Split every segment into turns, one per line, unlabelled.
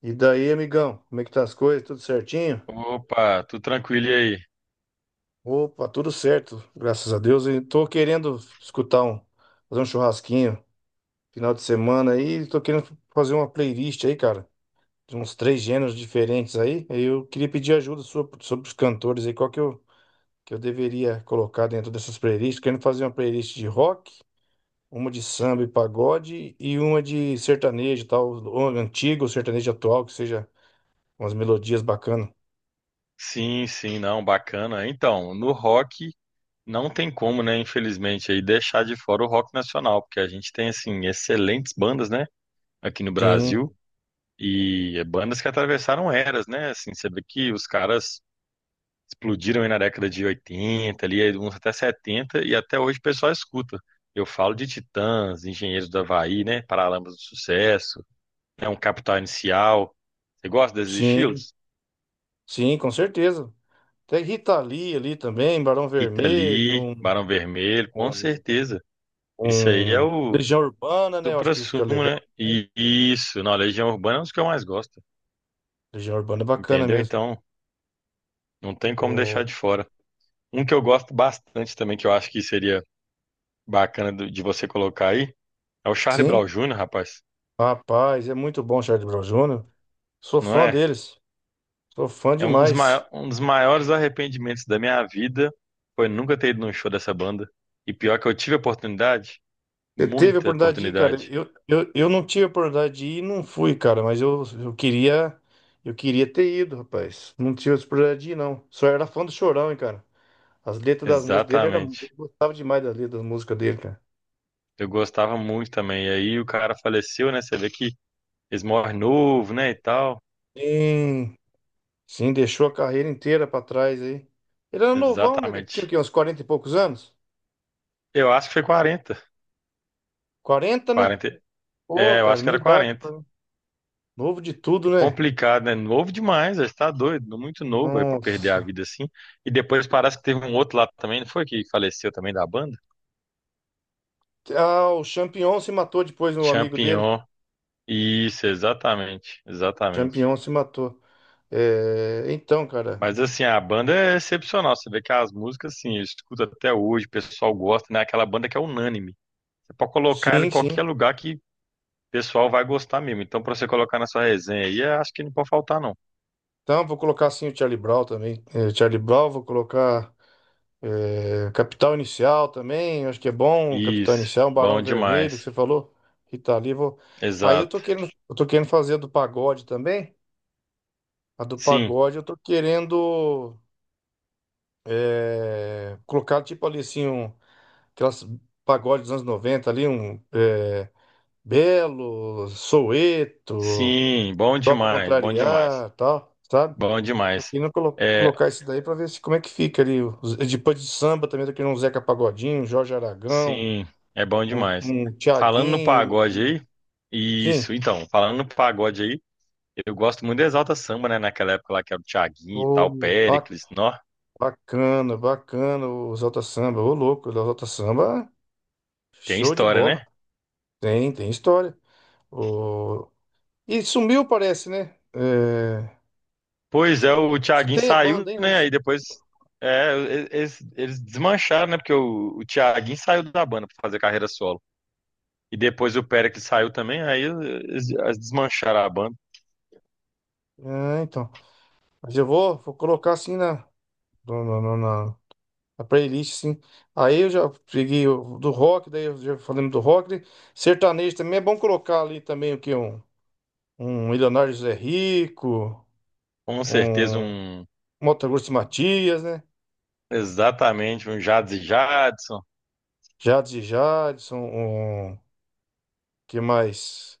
E daí, amigão, como é que tá as coisas? Tudo certinho?
Opa, tudo tranquilo e aí?
Opa, tudo certo, graças a Deus. E tô querendo fazer um churrasquinho final de semana aí. Tô querendo fazer uma playlist aí, cara, de uns três gêneros diferentes aí. Aí eu queria pedir ajuda sua sobre os cantores aí, que eu deveria colocar dentro dessas playlists. Querendo fazer uma playlist de rock, uma de samba e pagode e uma de sertanejo e tal, ou antigo, ou sertanejo atual, que seja umas melodias bacanas.
Sim, não, bacana. Então, no rock não tem como, né, infelizmente, aí deixar de fora o rock nacional, porque a gente tem assim excelentes bandas, né, aqui no
Sim,
Brasil e é bandas que atravessaram eras, né? Assim, você vê que os caras explodiram aí na década de 80 ali aí uns até 70 e até hoje o pessoal escuta. Eu falo de Titãs, Engenheiros do Havaí, né, Paralamas do Sucesso, é um Capital Inicial. Você gosta desses
sim.
estilos?
Sim, com certeza. Tem Rita Lee ali também, Barão
Rita
Vermelho,
Lee, Barão Vermelho, com
um,
certeza. Isso aí é
um-
o
Legião Urbana, né? Eu acho que fica
suprassumo,
legal.
né?
Também.
E isso, na Legião Urbana é um dos que eu mais gosto,
Legião Urbana é bacana
entendeu?
mesmo.
Então, não tem como
O...
deixar de fora. Um que eu gosto bastante também, que eu acho que seria bacana de você colocar aí, é o Charlie Brown
Sim,
Jr., rapaz.
rapaz, é muito bom o Charlie Brown Jr. Sou
Não
fã
é?
deles, sou fã
É um dos,
demais.
um dos maiores arrependimentos da minha vida foi nunca ter ido num show dessa banda. E pior que eu tive oportunidade,
Você teve a
muita
oportunidade de ir, cara?
oportunidade.
Eu não tive a oportunidade de ir e não fui, cara, mas eu queria ter ido, rapaz. Não tive a oportunidade de ir, não. Só era fã do Chorão, hein, cara? As letras das músicas dele eu
Exatamente.
gostava demais das letras das músicas dele, cara.
Eu gostava muito também. E aí o cara faleceu, né? Você vê que eles morrem novo, né? E tal.
Sim, sim, deixou a carreira inteira pra trás aí. Ele era novão, né? Ele tinha o
Exatamente.
quê? Uns quarenta e poucos anos?
Eu acho que foi 40
Quarenta, né?
quarenta.
Pô,
É, eu
cara,
acho que
minha
era
idade,
quarenta.
cara. Novo de
É
tudo, né?
complicado, né? Novo demais, ele tá doido, muito novo aí pra perder a
Nossa.
vida assim. E depois parece que teve um outro lá também, não foi que faleceu também da banda?
Ah, o Champion se matou depois, o amigo dele.
Champignon. Isso, exatamente, exatamente.
Champion se matou. É, então, cara.
Mas assim, a banda é excepcional. Você vê que as músicas, assim, eu escuto até hoje, o pessoal gosta, né? Aquela banda que é unânime. Você pode colocar ela em
Sim, sim.
qualquer lugar que o pessoal vai gostar mesmo. Então, para você colocar na sua resenha aí, eu acho que não pode faltar, não.
Então, vou colocar sim o Charlie Brown também. É, Charlie Brown, vou colocar. É, Capital Inicial também, acho que é bom. Capital
Isso,
Inicial, um
bom
Barão Vermelho, que
demais.
você falou. Rita Lee, vou... Aí eu tô
Exato.
querendo, eu tô querendo fazer a do pagode também. A do
Sim,
pagode eu tô querendo colocar tipo ali assim, aquelas pagodes dos anos 90 ali, Belo, Soweto,
sim, bom
Só pra
demais, bom demais,
Contrariar, tal, sabe?
bom
Tô
demais.
querendo
É,
colocar isso daí pra ver se, como é que fica ali. Depois de samba também, tô querendo um Zeca Pagodinho, um Jorge Aragão.
sim, é bom
Um,
demais.
um
Falando no
Thiaguinho.
pagode aí,
Sim.
isso, então, falando no pagode aí, eu gosto muito do Exalta Samba, né? Naquela época lá que era o Thiaguinho e
Ô,
tal,
ba-
Péricles, nó,
bacana, bacana o Exalta Samba. Ô, louco, o Exalta Samba,
tem
show de
história,
bola.
né?
Tem história. Ô, e sumiu, parece, né? É...
Pois é, o
Você
Thiaguinho
tem a
saiu,
banda ainda?
né? Aí depois é, eles desmancharam, né? Porque o Thiaguinho saiu da banda para fazer carreira solo. E depois o Péricles saiu também, aí eles desmancharam a banda.
Ah, então. Mas eu vou colocar assim na, no- no- no- na, na playlist, sim. Aí eu já peguei o do rock, daí eu já falando do rock, né? Sertanejo também é bom colocar ali também o que? Um Milionário José Rico,
Com certeza
um.
um
Motagurso Matias, né?
exatamente um Jads e Jadson.
Jades e Jadson, que mais?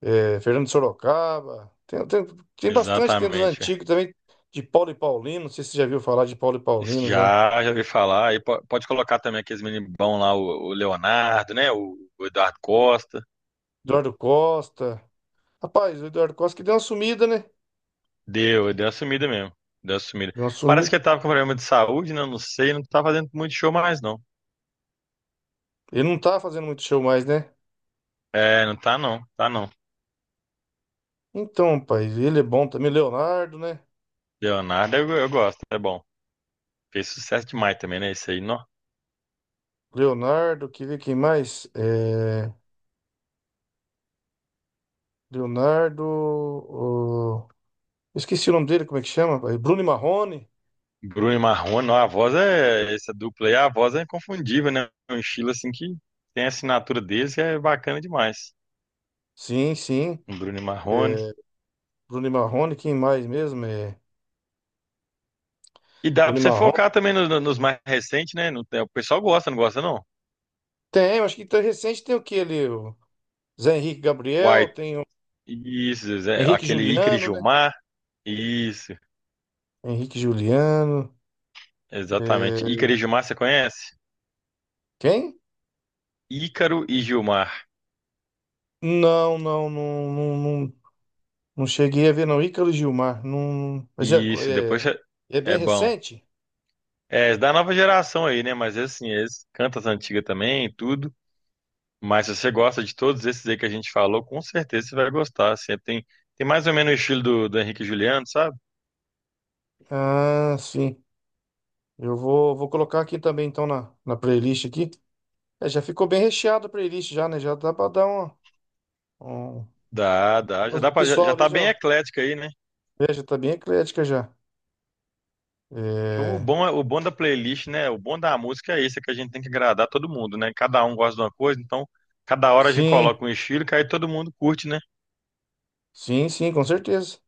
É, Fernando de Sorocaba. Tem bastante, tem dos
Exatamente. É.
antigos também, de Paulo e Paulino. Não sei se você já viu falar de Paulo e Paulino já.
Já, já ouvi falar. Aí pode colocar também aqueles meninos bons lá, o Leonardo, né? O Eduardo Costa.
Eduardo Costa. Rapaz, o Eduardo Costa que deu uma sumida, né?
Deu uma sumida mesmo. Deu uma sumida.
Deu uma
Parece
sumida.
que ele tava com problema de saúde, né? Eu não sei, não tá fazendo muito show mais, não.
Ele não tá fazendo muito show mais, né?
É, não tá não, tá não.
Então, rapaz, ele é bom também. Leonardo, né?
Leonardo eu gosto, é bom. Fez sucesso demais também, né? Esse aí, nó.
Leonardo, que vê quem mais? É, Leonardo. Esqueci o nome dele, como é que chama, rapaz? Bruno e Marrone.
Bruno e Marrone, nó, a voz é. Essa dupla aí, a voz é inconfundível, né? Um estilo assim que tem a assinatura deles que é bacana demais.
Sim, sim.
Bruno e
É,
Marrone.
Bruno e Marrone, quem mais mesmo? É...
E dá pra
Bruno e
você
Marrone.
focar também nos mais recentes, né? É, o pessoal gosta, não gosta, não?
Tem, acho que tá recente tem o que ali? O Zé Henrique Gabriel,
White,
tem o
isso, Zé,
Henrique
aquele Ícaro e
Juliano, né?
Gilmar, isso.
Henrique Juliano.
Exatamente. Ícaro
é,
e Gilmar, você conhece?
Quem?
Ícaro e Gilmar.
Não, não, não, não, não, não cheguei a ver, não. Ícaro Gilmar. Não... Mas
Isso,
é, é bem
é bom.
recente?
É, da nova geração aí, né? Mas assim, eles cantam as antigas também, tudo. Mas se você gosta de todos esses aí que a gente falou, com certeza você vai gostar. Assim, tem, tem mais ou menos o estilo do, do Henrique e Juliano, sabe?
Ah, sim. Eu vou colocar aqui também, então, na playlist aqui. É, já ficou bem recheado a playlist já, né? Já dá pra dar uma... um...
Dá, dá. Já dá
O
pra, já,
pessoal
já
ali
tá bem
já.
eclética aí, né?
É, já tá bem eclética já.
Que o
É,
bom, o bom da playlist, né? O bom da música é isso, é que a gente tem que agradar todo mundo, né? Cada um gosta de uma coisa, então cada hora a gente
sim,
coloca um estilo que aí todo mundo curte, né?
sim, sim, com certeza.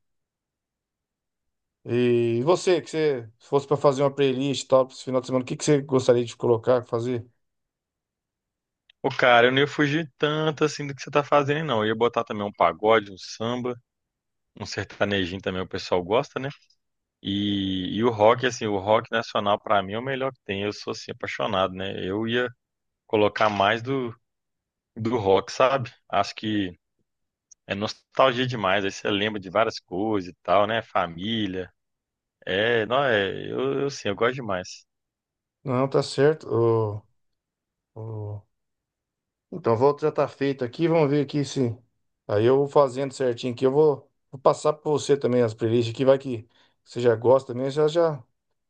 E você, que você se fosse para fazer uma playlist e tal, para esse final de semana, o que que você gostaria de colocar, fazer?
Ô, cara, eu não ia fugir tanto assim do que você tá fazendo, não. Eu ia botar também um pagode, um samba, um sertanejinho também, o pessoal gosta, né? E o rock, assim, o rock nacional pra mim é o melhor que tem. Eu sou, assim, apaixonado, né? Eu ia colocar mais do, do rock, sabe? Acho que é nostalgia demais. Aí você lembra de várias coisas e tal, né? Família. É, não, é, eu sim, eu gosto demais.
Não, tá certo. O- Então, a volta já tá feita aqui, vamos ver aqui se. Aí eu vou fazendo certinho aqui, eu vou passar para você também as playlists aqui, vai que você já gosta também,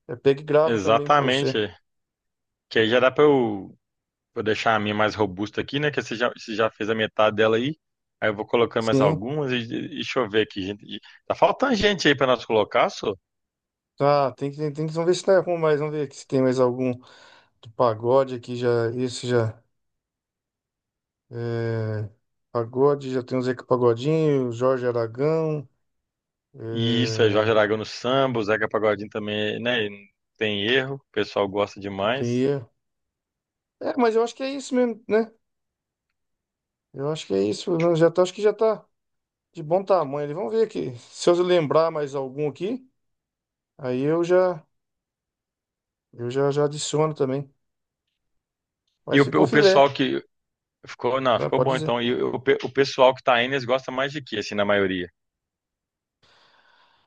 já pega e grava também para
Exatamente.
você.
É. Que aí já dá pra eu vou deixar a minha mais robusta aqui, né? Que você já fez a metade dela aí. Aí eu vou colocando mais
Sim.
algumas e deixa eu ver aqui, gente. Tá faltando gente aí pra nós colocar, só.
Ah, vamos ver se tá com mais, vamos ver aqui se tem mais algum do pagode aqui já, esse já. É, pagode, já tem o Zeca Pagodinho, Jorge Aragão.
E isso é Jorge
É,
Aragão no samba, o Zeca Pagodinho também, né? Não tem erro, o pessoal gosta demais.
tem- é, mas eu acho que é isso mesmo, né? Eu acho que é isso, né? Já tá, acho que já tá de bom tamanho ali. Vamos ver aqui. Se eu lembrar mais algum aqui, aí eu já adiciono também.
E
Mas
o, pe-
ficou
o
filé,
pessoal que ficou, não,
né?
ficou
Pode
bom
dizer.
então. E o pessoal que tá aí, eles gostam mais de que, assim, na maioria?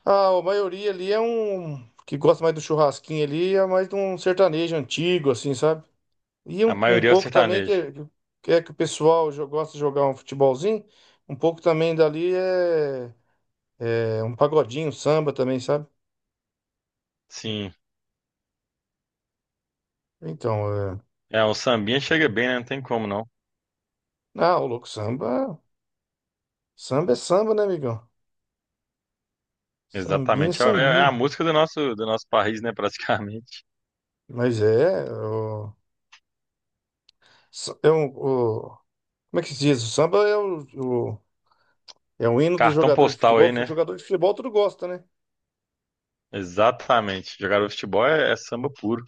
Ah, a maioria ali é um que gosta mais do churrasquinho ali, é mais de um sertanejo antigo, assim, sabe? E
A
um
maioria é o
pouco também que,
sertanejo.
que é que o pessoal gosta de jogar um futebolzinho, um pouco também dali é um pagodinho, um samba também, sabe?
Sim.
Então, é...
É, um sambinha chega bem, né? Não tem como não.
Ah, o louco, samba... Samba é samba, né, amigão? Sambinha é
Exatamente. É é a
sambinha.
música do nosso país, né? Praticamente.
Mas é... O, sa- é um, o- Como é que se diz? O samba é o- é o hino do
Cartão
jogador de
postal aí,
futebol. O
né?
jogador de futebol tudo gosta, né?
Exatamente. Jogar o futebol é samba puro.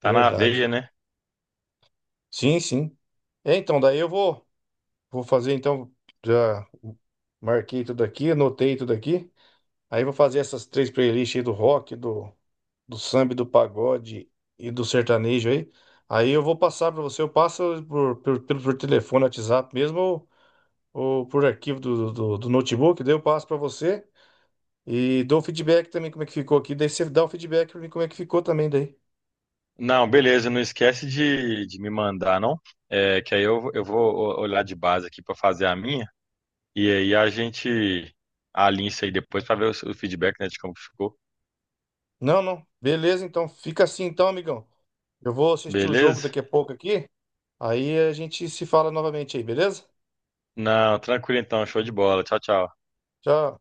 Tá na
Verdade.
veia, né?
Sim, sim. É, então, daí eu vou... Vou fazer então, já marquei tudo aqui, anotei tudo aqui. Aí vou fazer essas três playlists aí do rock, do samba, e do pagode e do sertanejo aí. Aí eu vou passar para você, eu passo por telefone, WhatsApp mesmo, ou por arquivo do notebook, daí eu passo para você e dou feedback também como é que ficou aqui, daí você dá o feedback para mim como é que ficou também daí.
Não, beleza. Não esquece de me mandar, não? É, que aí eu vou olhar de base aqui pra fazer a minha. E aí a gente alinha isso aí depois pra ver o feedback, né, de como ficou.
Não, não. Beleza, então fica assim então, amigão. Eu vou assistir o jogo
Beleza?
daqui a pouco aqui. Aí a gente se fala novamente aí, beleza?
Não, tranquilo então. Show de bola. Tchau, tchau.
Tchau.